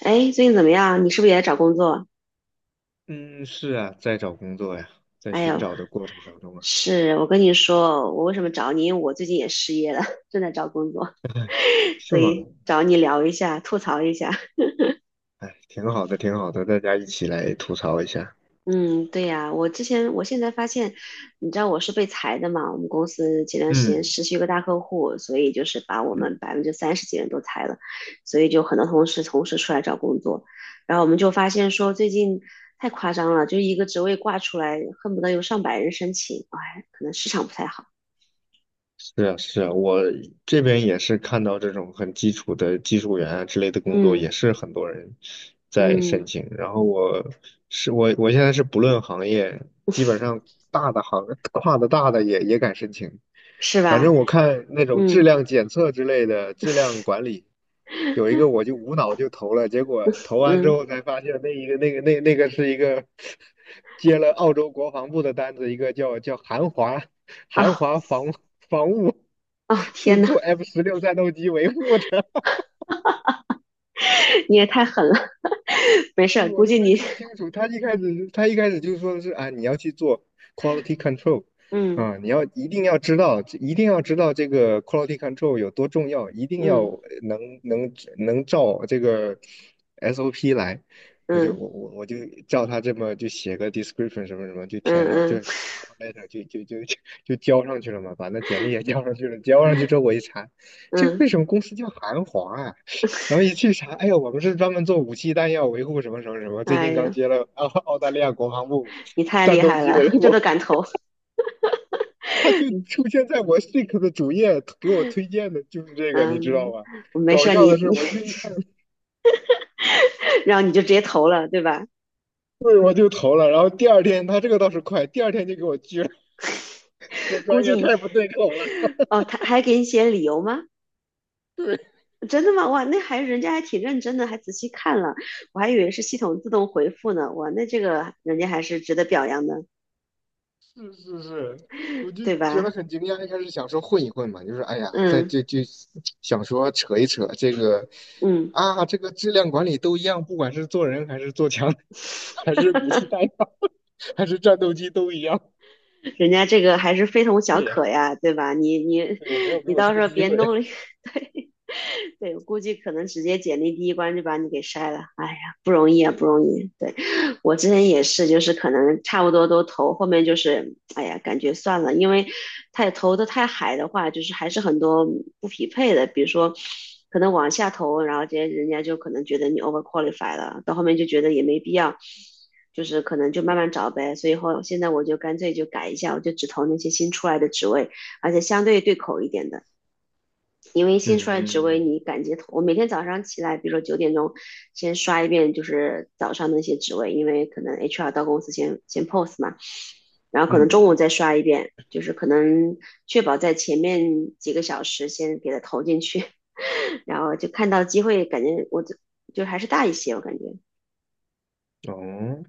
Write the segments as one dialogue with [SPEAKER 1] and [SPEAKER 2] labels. [SPEAKER 1] 哎，最近怎么样？你是不是也在找工作？
[SPEAKER 2] 嗯，是啊，在找工作呀，在
[SPEAKER 1] 哎
[SPEAKER 2] 寻
[SPEAKER 1] 呦，
[SPEAKER 2] 找的过程当中啊。
[SPEAKER 1] 是我跟你说，我为什么找你？因为我最近也失业了，正在找工作，
[SPEAKER 2] 哎， 是
[SPEAKER 1] 所
[SPEAKER 2] 吗？
[SPEAKER 1] 以找你聊一下，吐槽一下。
[SPEAKER 2] 哎，挺好的，挺好的，大家一起来吐槽一下。
[SPEAKER 1] 嗯，对呀，我之前，我现在发现，你知道我是被裁的嘛？我们公司前段时间
[SPEAKER 2] 嗯
[SPEAKER 1] 失去一个大客户，所以就是把我们
[SPEAKER 2] 嗯，
[SPEAKER 1] 百分之三十几人都裁了，所以就很多同事同时出来找工作，然后我们就发现说最近太夸张了，就一个职位挂出来，恨不得有上百人申请，哎，可能市场不太好。
[SPEAKER 2] 是啊，是啊。我这边也是看到这种很基础的技术员啊之类的工作，
[SPEAKER 1] 嗯
[SPEAKER 2] 也是很多人在申
[SPEAKER 1] 嗯，
[SPEAKER 2] 请。然后我现在是不论行业，基本上大的行 跨的大的也敢申请。
[SPEAKER 1] 是
[SPEAKER 2] 反
[SPEAKER 1] 吧？
[SPEAKER 2] 正我看那种质
[SPEAKER 1] 嗯
[SPEAKER 2] 量检测之类的质量管理，有一个我就无脑就投了，结果投完之
[SPEAKER 1] 嗯，
[SPEAKER 2] 后才发现那个是一个 接了澳洲国防部的单子，一个叫韩华。
[SPEAKER 1] 哦
[SPEAKER 2] 韩华防务
[SPEAKER 1] 哦，
[SPEAKER 2] 是
[SPEAKER 1] 天呐，
[SPEAKER 2] 做 F-16战斗机维护的。
[SPEAKER 1] 你也太狠了，没事
[SPEAKER 2] 对，
[SPEAKER 1] 儿，
[SPEAKER 2] 我
[SPEAKER 1] 估
[SPEAKER 2] 都
[SPEAKER 1] 计
[SPEAKER 2] 没
[SPEAKER 1] 你，
[SPEAKER 2] 看清楚。他一开始就说的是啊，你要去做 quality control。
[SPEAKER 1] 嗯
[SPEAKER 2] 啊，一定要知道，一定要知道这个 quality control 有多重要，一定要
[SPEAKER 1] 嗯
[SPEAKER 2] 能照这个 SOP 来。我就
[SPEAKER 1] 嗯
[SPEAKER 2] 我我我就照他这么就写个 description 什么什么，就
[SPEAKER 1] 嗯
[SPEAKER 2] 填上，就
[SPEAKER 1] 嗯
[SPEAKER 2] cover letter 就就就就 就交上去了嘛，把那简历也交上去了。交上去之后我一查，这个
[SPEAKER 1] 嗯，
[SPEAKER 2] 为什么公司叫韩华啊？然后一去查，哎呀，我们是专门做武器弹药维护什么什么什么，最
[SPEAKER 1] 哎
[SPEAKER 2] 近刚
[SPEAKER 1] 呀，
[SPEAKER 2] 接了澳大利亚国防部
[SPEAKER 1] 你太厉
[SPEAKER 2] 战斗
[SPEAKER 1] 害
[SPEAKER 2] 机
[SPEAKER 1] 了，
[SPEAKER 2] 维
[SPEAKER 1] 这都
[SPEAKER 2] 护。
[SPEAKER 1] 敢投，
[SPEAKER 2] 他就出现在我 Seek 的主页，给我推荐的就是这个，你知道
[SPEAKER 1] 嗯，
[SPEAKER 2] 吧？
[SPEAKER 1] 没
[SPEAKER 2] 搞
[SPEAKER 1] 事儿，
[SPEAKER 2] 笑
[SPEAKER 1] 你
[SPEAKER 2] 的是，
[SPEAKER 1] 你，
[SPEAKER 2] 我就一看，
[SPEAKER 1] 然后你就直接投了，对吧？
[SPEAKER 2] 对，我就投了。然后第二天他这个倒是快，第二天就给我拒了，说
[SPEAKER 1] 估
[SPEAKER 2] 专
[SPEAKER 1] 计
[SPEAKER 2] 业
[SPEAKER 1] 你，
[SPEAKER 2] 太不对口了。
[SPEAKER 1] 哦，他还给你写理由吗？
[SPEAKER 2] 对，
[SPEAKER 1] 真的吗？哇，那还人家还挺认真的，还仔细看了，我还以为是系统自动回复呢，哇，那这个人家还是值得表扬的，
[SPEAKER 2] 是是是，我就
[SPEAKER 1] 对
[SPEAKER 2] 觉得
[SPEAKER 1] 吧？
[SPEAKER 2] 很惊讶。一开始想说混一混嘛，就是哎呀，在
[SPEAKER 1] 嗯
[SPEAKER 2] 就就想说扯一扯这个
[SPEAKER 1] 嗯，
[SPEAKER 2] 啊，这个质量管理都一样，不管是做人还是做枪，还是武器弹药，还是战斗机都一样。
[SPEAKER 1] 人家这个还是非同小
[SPEAKER 2] 对呀，
[SPEAKER 1] 可呀，对吧？你
[SPEAKER 2] 对，没有 给
[SPEAKER 1] 你
[SPEAKER 2] 我
[SPEAKER 1] 到
[SPEAKER 2] 这
[SPEAKER 1] 时
[SPEAKER 2] 个
[SPEAKER 1] 候
[SPEAKER 2] 机
[SPEAKER 1] 别弄
[SPEAKER 2] 会。
[SPEAKER 1] 了一 对对，我估计可能直接简历第一关就把你给筛了。哎呀，不容易啊，不 容易。对。我之前也是，就是可能差不多都投，后面就是哎呀，感觉算了，因为太投的太海的话，就是还是很多不匹配的，比如说可能往下投，然后这些人家就可能觉得你 over q u a l i f y 了，到后面就觉得也没必要，就是可能就慢慢找呗。所以后现在我就干脆就改一下，我就只投那些新出来的职位，而且相对对口一点的，因为新出来职位
[SPEAKER 2] 嗯
[SPEAKER 1] 你敢觉投，我每天早上起来，比如说九点钟，先刷一遍就是早上那些职位，因为可能 HR 到公司先 post 嘛，然后可
[SPEAKER 2] 嗯
[SPEAKER 1] 能中午
[SPEAKER 2] 嗯。
[SPEAKER 1] 再刷一遍，就是可能确保在前面几个小时先给它投进去，然后就看到机会，感觉我就还是大一些，我感觉，
[SPEAKER 2] 哦，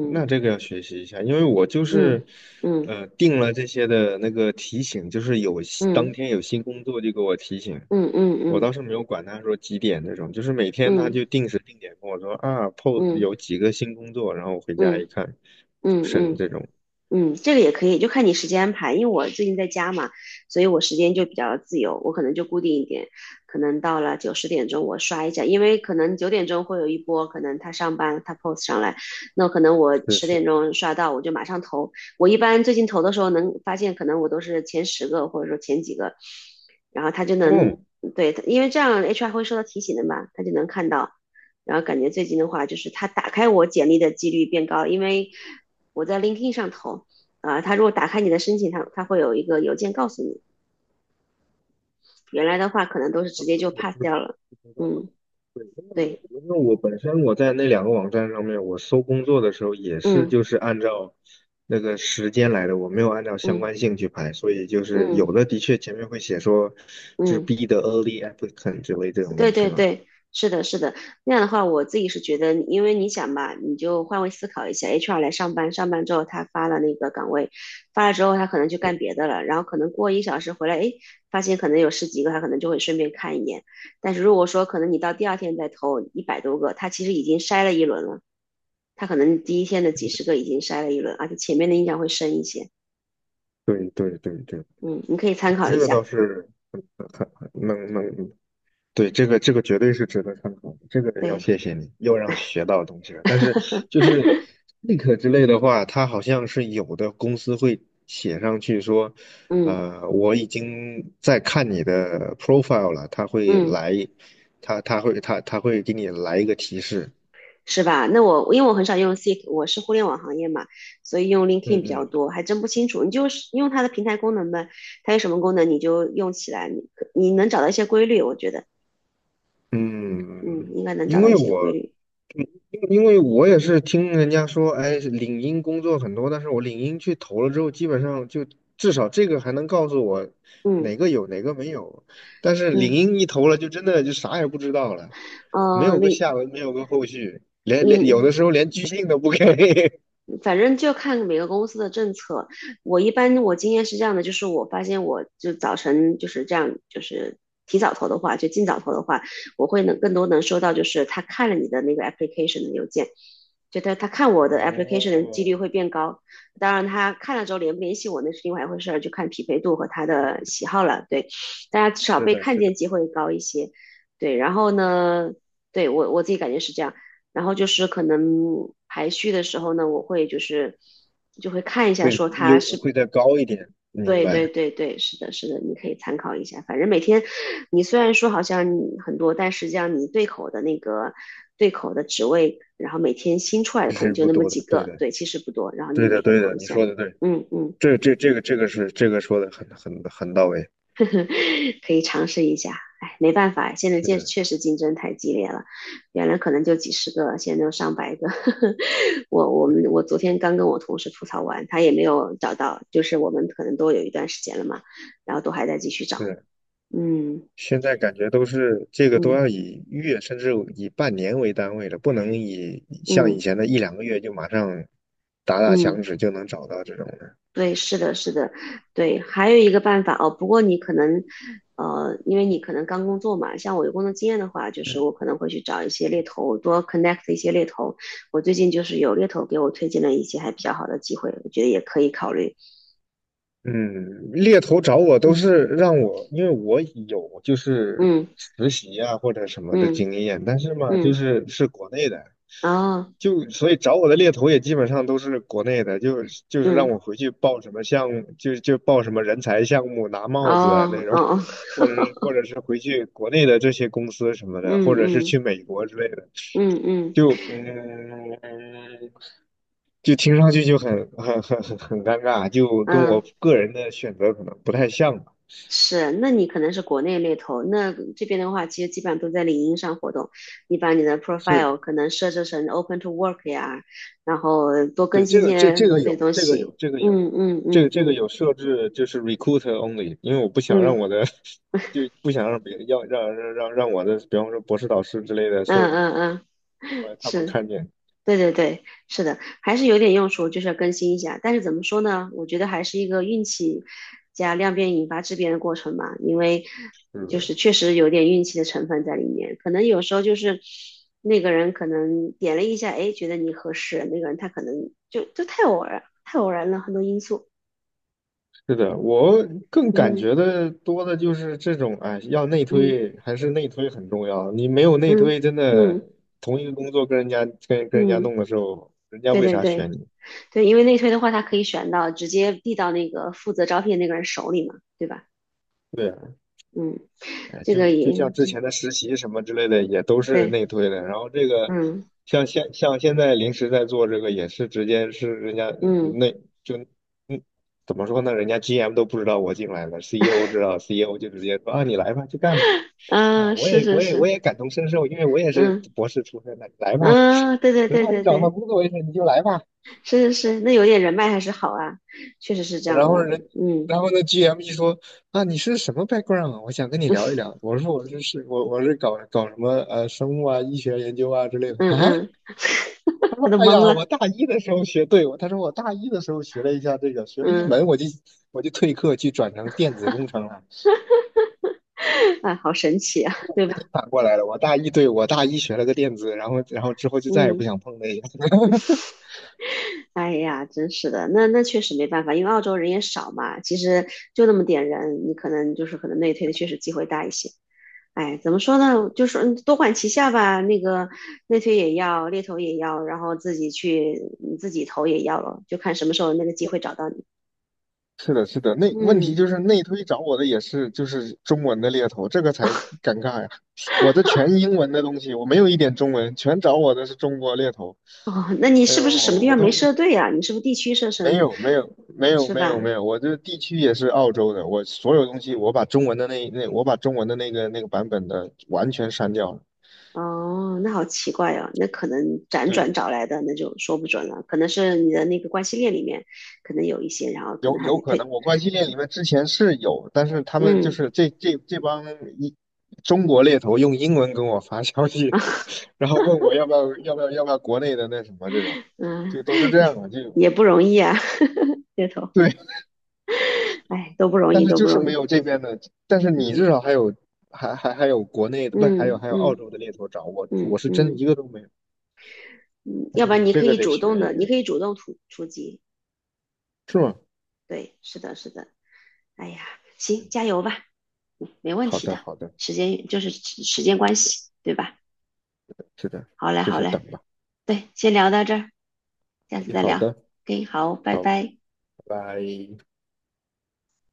[SPEAKER 2] 那这个要学习一下，因为我就
[SPEAKER 1] 嗯
[SPEAKER 2] 是，
[SPEAKER 1] 嗯
[SPEAKER 2] 定了这些的那个提醒，就是有新当
[SPEAKER 1] 嗯
[SPEAKER 2] 天有新工作就给我提醒。
[SPEAKER 1] 嗯嗯
[SPEAKER 2] 我倒
[SPEAKER 1] 嗯
[SPEAKER 2] 是没有管他说几点那种，就是每天他
[SPEAKER 1] 嗯
[SPEAKER 2] 就定时定点跟我说啊 p O
[SPEAKER 1] 嗯嗯嗯
[SPEAKER 2] 有几个新工作，然后我回家
[SPEAKER 1] 嗯
[SPEAKER 2] 一看，就
[SPEAKER 1] 嗯。嗯嗯嗯
[SPEAKER 2] 剩
[SPEAKER 1] 嗯
[SPEAKER 2] 这种。
[SPEAKER 1] 嗯，这个也可以，就看你时间安排。因为我最近在家嘛，所以我时间就比较自由，我可能就固定一点，可能到了九十点钟我刷一下，因为可能九点钟会有一波，可能他上班他 post 上来，那可能我
[SPEAKER 2] 是
[SPEAKER 1] 十点
[SPEAKER 2] 是。
[SPEAKER 1] 钟刷到，我就马上投。我一般最近投的时候能发现，可能我都是前十个或者说前几个，然后他就能
[SPEAKER 2] 哦，
[SPEAKER 1] 对，因为这样 HR 会收到提醒的嘛，他就能看到。然后感觉最近的话，就是他打开我简历的几率变高，因为我在 LinkedIn 上投，啊，他如果打开你的申请，他会有一个邮件告诉你。原来的话，可能都是直接就
[SPEAKER 2] 我
[SPEAKER 1] pass
[SPEAKER 2] 真的
[SPEAKER 1] 掉了。
[SPEAKER 2] 不知道啊。
[SPEAKER 1] 嗯，
[SPEAKER 2] 对，因为我
[SPEAKER 1] 对，
[SPEAKER 2] 因为我本身我在那两个网站上面，我搜工作的时候也是
[SPEAKER 1] 嗯
[SPEAKER 2] 就是按照那个时间来的，我没有按照相
[SPEAKER 1] 嗯
[SPEAKER 2] 关性去排，所以就是
[SPEAKER 1] 嗯
[SPEAKER 2] 有的的确前面会写说就是
[SPEAKER 1] 嗯，
[SPEAKER 2] be the early applicant 之类这种
[SPEAKER 1] 对
[SPEAKER 2] 东西
[SPEAKER 1] 对
[SPEAKER 2] 嘛。
[SPEAKER 1] 对，是的，是的。那样的话，我自己是觉得，因为你想吧，你就换位思考一下，HR 来上班，上班之后他发了那个岗位，发了之后他可能就干别的了，然后可能过一小时回来，诶，发现可能有十几个，他可能就会顺便看一眼。但是如果说可能你到第二天再投100多个，他其实已经筛了一轮了。他可能第一天的几十个已经筛了一轮，而且前面的印象会深一些。
[SPEAKER 2] 对对对对对，
[SPEAKER 1] 嗯，你可以参考
[SPEAKER 2] 这
[SPEAKER 1] 一
[SPEAKER 2] 个
[SPEAKER 1] 下。
[SPEAKER 2] 倒是能对。这个绝对是值得参考的，这个要
[SPEAKER 1] 对，
[SPEAKER 2] 谢谢你，又让我学到东西了。但是 就是 Link 之类的话，它好像是有的公司会写上去说，
[SPEAKER 1] 嗯
[SPEAKER 2] 我已经在看你的 profile 了，他会
[SPEAKER 1] 嗯，
[SPEAKER 2] 来，他他会他他会给你来一个提示。
[SPEAKER 1] 是吧？那我因为我很少用 Seek，我是互联网行业嘛，所以用
[SPEAKER 2] 嗯
[SPEAKER 1] LinkedIn 比较
[SPEAKER 2] 嗯。
[SPEAKER 1] 多，还真不清楚。你就是用它的平台功能呗，它有什么功能你就用起来，你能找到一些规律，我觉得，嗯，
[SPEAKER 2] 嗯，
[SPEAKER 1] 应该能找
[SPEAKER 2] 因
[SPEAKER 1] 到一
[SPEAKER 2] 为
[SPEAKER 1] 些
[SPEAKER 2] 我，
[SPEAKER 1] 规律。
[SPEAKER 2] 因为我也是听人家说，哎，领英工作很多，但是我领英去投了之后，基本上就至少这个还能告诉我
[SPEAKER 1] 嗯
[SPEAKER 2] 哪个有哪个没有，但是领
[SPEAKER 1] 嗯，
[SPEAKER 2] 英一投了，就真的就啥也不知道了，没
[SPEAKER 1] 呃，
[SPEAKER 2] 有个
[SPEAKER 1] 李
[SPEAKER 2] 下文，没有个后续，连有
[SPEAKER 1] 李
[SPEAKER 2] 的时候连拒信都不给。
[SPEAKER 1] 反正就看每个公司的政策。我一般我经验是这样的，就是我发现我就早晨就是这样，就是提早投的话，就尽早投的话，我会能更多能收到，就是他看了你的那个 application 的邮件，就他看我的 application 的几率
[SPEAKER 2] 哦，
[SPEAKER 1] 会变高。当然，他看了之后联不联系我那是另外一回事就看匹配度和他的喜好了。对，大家至少
[SPEAKER 2] 是
[SPEAKER 1] 被
[SPEAKER 2] 的，
[SPEAKER 1] 看
[SPEAKER 2] 是的，
[SPEAKER 1] 见机会高一些。对，然后呢，对我自己感觉是这样。然后就是可能排序的时候呢，我会就是就会看一下，
[SPEAKER 2] 会
[SPEAKER 1] 说
[SPEAKER 2] 优
[SPEAKER 1] 它是
[SPEAKER 2] 会再高一点，明
[SPEAKER 1] 对对
[SPEAKER 2] 白。
[SPEAKER 1] 对对，是的，是的，你可以参考一下。反正每天你虽然说好像你很多，但实际上你对口的那个对口的职位，然后每天新出来的
[SPEAKER 2] 这
[SPEAKER 1] 可能
[SPEAKER 2] 是
[SPEAKER 1] 就
[SPEAKER 2] 不
[SPEAKER 1] 那么
[SPEAKER 2] 多
[SPEAKER 1] 几
[SPEAKER 2] 的，对
[SPEAKER 1] 个，
[SPEAKER 2] 的，
[SPEAKER 1] 对，其实不多。然后你
[SPEAKER 2] 对的，
[SPEAKER 1] 每个
[SPEAKER 2] 对
[SPEAKER 1] 投
[SPEAKER 2] 的，
[SPEAKER 1] 一
[SPEAKER 2] 你
[SPEAKER 1] 下，
[SPEAKER 2] 说的对。
[SPEAKER 1] 嗯嗯，
[SPEAKER 2] 这个说的很到位，
[SPEAKER 1] 呵呵，可以尝试一下。哎，没办法，现在
[SPEAKER 2] 是
[SPEAKER 1] 确
[SPEAKER 2] 的。
[SPEAKER 1] 确实竞争太激烈了，原来可能就几十个，现在都上百个。我昨天刚跟我同事吐槽完，他也没有找到，就是我们可能都有一段时间了嘛，然后都还在继续找。
[SPEAKER 2] 对，
[SPEAKER 1] 嗯
[SPEAKER 2] 现在感觉都是这个都要
[SPEAKER 1] 嗯
[SPEAKER 2] 以月甚至以半年为单位了，不能以像以
[SPEAKER 1] 嗯
[SPEAKER 2] 前的一两个月就马上打打响
[SPEAKER 1] 嗯，
[SPEAKER 2] 指就能找到这种的。
[SPEAKER 1] 对，是的，是的，对，还有一个办法哦，不过你可能呃，因为你可能刚工作嘛，像我有工作经验的话，就是我可能会去找一些猎头，多 connect 一些猎头。我最近就是有猎头给我推荐了一些还比较好的机会，我觉得也可以考虑。
[SPEAKER 2] 嗯，猎头找我都
[SPEAKER 1] 嗯
[SPEAKER 2] 是让我，因为我有就是
[SPEAKER 1] 嗯
[SPEAKER 2] 实习啊或者什么的
[SPEAKER 1] 嗯
[SPEAKER 2] 经验，但是嘛，就
[SPEAKER 1] 嗯，
[SPEAKER 2] 是是国内的，
[SPEAKER 1] 哦，
[SPEAKER 2] 就所以找我的猎头也基本上都是国内的，就是让
[SPEAKER 1] 嗯
[SPEAKER 2] 我回去报什么项目，就报什么人才项目拿帽子啊那
[SPEAKER 1] 哦哦
[SPEAKER 2] 种，
[SPEAKER 1] 哦。
[SPEAKER 2] 或者是回去国内的这些公司什么
[SPEAKER 1] 嗯
[SPEAKER 2] 的，或者是
[SPEAKER 1] 嗯
[SPEAKER 2] 去美国之类的，
[SPEAKER 1] 嗯嗯
[SPEAKER 2] 就嗯。就听上去就很尴尬，就跟
[SPEAKER 1] 嗯，
[SPEAKER 2] 我个人的选择可能不太像吧。
[SPEAKER 1] 是，那你可能是国内猎头，那这边的话，其实基本上都在领英上活动。你把你的
[SPEAKER 2] 是，
[SPEAKER 1] profile 可能设置成 open to work 呀，然后多更
[SPEAKER 2] 对，这
[SPEAKER 1] 新
[SPEAKER 2] 个这
[SPEAKER 1] 些
[SPEAKER 2] 这个
[SPEAKER 1] 这些
[SPEAKER 2] 有，
[SPEAKER 1] 东
[SPEAKER 2] 这个有，
[SPEAKER 1] 西。
[SPEAKER 2] 这个有。
[SPEAKER 1] 嗯嗯
[SPEAKER 2] 这个
[SPEAKER 1] 嗯
[SPEAKER 2] 这个
[SPEAKER 1] 嗯
[SPEAKER 2] 有设置就是 recruit only,因为我不想让
[SPEAKER 1] 嗯
[SPEAKER 2] 我的 就不想让别要让让让让我的，比方说博士导师之类的说
[SPEAKER 1] 嗯嗯嗯，
[SPEAKER 2] 他们
[SPEAKER 1] 是。
[SPEAKER 2] 看见。
[SPEAKER 1] 对对对，是的，还是有点用处，就是要更新一下。但是怎么说呢？我觉得还是一个运气加量变引发质变的过程嘛，因为
[SPEAKER 2] 是
[SPEAKER 1] 就
[SPEAKER 2] 的，
[SPEAKER 1] 是确实有点运气的成分在里面。可能有时候就是那个人可能点了一下，哎，觉得你合适，那个人他可能就太偶然，太偶然了，很多因素。
[SPEAKER 2] 是的，我更感
[SPEAKER 1] 嗯
[SPEAKER 2] 觉的多的就是这种，哎，要内
[SPEAKER 1] 嗯
[SPEAKER 2] 推还是内推很重要。你没有内推，
[SPEAKER 1] 嗯
[SPEAKER 2] 真的
[SPEAKER 1] 嗯
[SPEAKER 2] 同一个工作跟人家
[SPEAKER 1] 嗯，
[SPEAKER 2] 弄的时候，人家
[SPEAKER 1] 对
[SPEAKER 2] 为
[SPEAKER 1] 对
[SPEAKER 2] 啥选
[SPEAKER 1] 对
[SPEAKER 2] 你？
[SPEAKER 1] 对，因为内推的话，他可以选到直接递到那个负责招聘那个人手里嘛，对吧？
[SPEAKER 2] 对啊，
[SPEAKER 1] 嗯，
[SPEAKER 2] 哎，
[SPEAKER 1] 这
[SPEAKER 2] 就
[SPEAKER 1] 个
[SPEAKER 2] 就
[SPEAKER 1] 也
[SPEAKER 2] 像之前
[SPEAKER 1] 这
[SPEAKER 2] 的实习什么之类的，也都是
[SPEAKER 1] 对，
[SPEAKER 2] 内推的。然后这个
[SPEAKER 1] 嗯
[SPEAKER 2] 像现在临时在做这个，也是直接是人家
[SPEAKER 1] 嗯
[SPEAKER 2] 内就嗯怎么说呢？人家 GM 都不知道我进来了，CEO 知道，CEO 就直接说啊，你来吧，去干吧。
[SPEAKER 1] 嗯，
[SPEAKER 2] 啊，
[SPEAKER 1] 啊
[SPEAKER 2] 我
[SPEAKER 1] 是
[SPEAKER 2] 也
[SPEAKER 1] 是
[SPEAKER 2] 我也我
[SPEAKER 1] 是，
[SPEAKER 2] 也感同身受，因为我也是
[SPEAKER 1] 嗯
[SPEAKER 2] 博士出身的，你来
[SPEAKER 1] 嗯，
[SPEAKER 2] 吧，
[SPEAKER 1] 啊对对
[SPEAKER 2] 直
[SPEAKER 1] 对
[SPEAKER 2] 到你
[SPEAKER 1] 对
[SPEAKER 2] 找到
[SPEAKER 1] 对，
[SPEAKER 2] 工作为止，你就来吧。
[SPEAKER 1] 是是是，那有点人脉还是好啊，确实是这样
[SPEAKER 2] 然
[SPEAKER 1] 的，
[SPEAKER 2] 后人，
[SPEAKER 1] 嗯
[SPEAKER 2] 然后呢，GM 一说啊，你是什么 background 啊我想跟你聊一聊。我说我是，我是搞搞什么生物啊、医学研究啊之类的
[SPEAKER 1] 嗯
[SPEAKER 2] 啊。
[SPEAKER 1] 嗯，他都
[SPEAKER 2] 哎
[SPEAKER 1] 懵
[SPEAKER 2] 呀，我
[SPEAKER 1] 了，
[SPEAKER 2] 大一的时候学，对，他说我大一的时候学了一下这个，学了一
[SPEAKER 1] 嗯，
[SPEAKER 2] 门我就退课去转成电子工程了，
[SPEAKER 1] 啊，好神奇啊，对吧？
[SPEAKER 2] 反过来了。我大一学了个电子，然后之后就再也不
[SPEAKER 1] 嗯，
[SPEAKER 2] 想碰那。
[SPEAKER 1] 哎呀，真是的，那确实没办法，因为澳洲人也少嘛，其实就那么点人，你可能就是可能内推的确实机会大一些。哎，怎么说呢？就是多管齐下吧。那个内推也要，猎头也要，然后自己去自己投也要了，就看什么时候那个机会找到你。
[SPEAKER 2] 是的，是的，那问题
[SPEAKER 1] 嗯，
[SPEAKER 2] 就是内推找我的也是就是中文的猎头，这个才尴尬呀。我的全英文的东西，我没有一点中文，全找我的是中国猎头。
[SPEAKER 1] 哦，那你
[SPEAKER 2] 哎
[SPEAKER 1] 是
[SPEAKER 2] 呦，
[SPEAKER 1] 不是什么地
[SPEAKER 2] 我
[SPEAKER 1] 方没
[SPEAKER 2] 都
[SPEAKER 1] 设对啊？你是不是地区设
[SPEAKER 2] 没
[SPEAKER 1] 成
[SPEAKER 2] 有，没有，没有，
[SPEAKER 1] 是
[SPEAKER 2] 没有，
[SPEAKER 1] 吧？
[SPEAKER 2] 没有。我这地区也是澳洲的，我所有东西我把中文的我把中文的那个版本的完全删掉了。
[SPEAKER 1] 哦，那好奇怪哦。那可能辗
[SPEAKER 2] 对，
[SPEAKER 1] 转找来的那就说不准了，可能是你的那个关系链里面可能有一些，然后可
[SPEAKER 2] 有
[SPEAKER 1] 能还
[SPEAKER 2] 有
[SPEAKER 1] 得
[SPEAKER 2] 可能
[SPEAKER 1] 退。
[SPEAKER 2] 我关系链里面之前是有，但是他们就
[SPEAKER 1] 嗯
[SPEAKER 2] 是这帮一中国猎头用英文跟我发消息，然后问我要不要国内的那什么这种，
[SPEAKER 1] 嗯，
[SPEAKER 2] 就都是这样的，
[SPEAKER 1] 也不容易啊，猎头，
[SPEAKER 2] 对。
[SPEAKER 1] 哎，都不容
[SPEAKER 2] 但
[SPEAKER 1] 易，
[SPEAKER 2] 是
[SPEAKER 1] 都
[SPEAKER 2] 就
[SPEAKER 1] 不
[SPEAKER 2] 是
[SPEAKER 1] 容
[SPEAKER 2] 没
[SPEAKER 1] 易。
[SPEAKER 2] 有这边的，但是你至
[SPEAKER 1] 嗯。
[SPEAKER 2] 少还有国内的，不，还有
[SPEAKER 1] 嗯
[SPEAKER 2] 还有澳
[SPEAKER 1] 嗯
[SPEAKER 2] 洲的猎头找我，我
[SPEAKER 1] 嗯
[SPEAKER 2] 是真的
[SPEAKER 1] 嗯
[SPEAKER 2] 一个都没有。
[SPEAKER 1] 嗯，要不然
[SPEAKER 2] 嗯，
[SPEAKER 1] 你
[SPEAKER 2] 这
[SPEAKER 1] 可
[SPEAKER 2] 个
[SPEAKER 1] 以
[SPEAKER 2] 得
[SPEAKER 1] 主动
[SPEAKER 2] 学一
[SPEAKER 1] 的，你
[SPEAKER 2] 学。
[SPEAKER 1] 可以主动出击。
[SPEAKER 2] 是吗？
[SPEAKER 1] 对，是的，是的。哎呀，行，
[SPEAKER 2] 嗯，
[SPEAKER 1] 加油吧，没问
[SPEAKER 2] 好
[SPEAKER 1] 题
[SPEAKER 2] 的
[SPEAKER 1] 的。
[SPEAKER 2] 好的，
[SPEAKER 1] 时间就是时间关系，对吧？
[SPEAKER 2] 是的，
[SPEAKER 1] 好嘞，
[SPEAKER 2] 就
[SPEAKER 1] 好
[SPEAKER 2] 是
[SPEAKER 1] 嘞，
[SPEAKER 2] 等吧。
[SPEAKER 1] 对，先聊到这儿，下次
[SPEAKER 2] 哎，
[SPEAKER 1] 再
[SPEAKER 2] 好
[SPEAKER 1] 聊。
[SPEAKER 2] 的，
[SPEAKER 1] OK，好，拜
[SPEAKER 2] 好，拜
[SPEAKER 1] 拜。
[SPEAKER 2] 拜。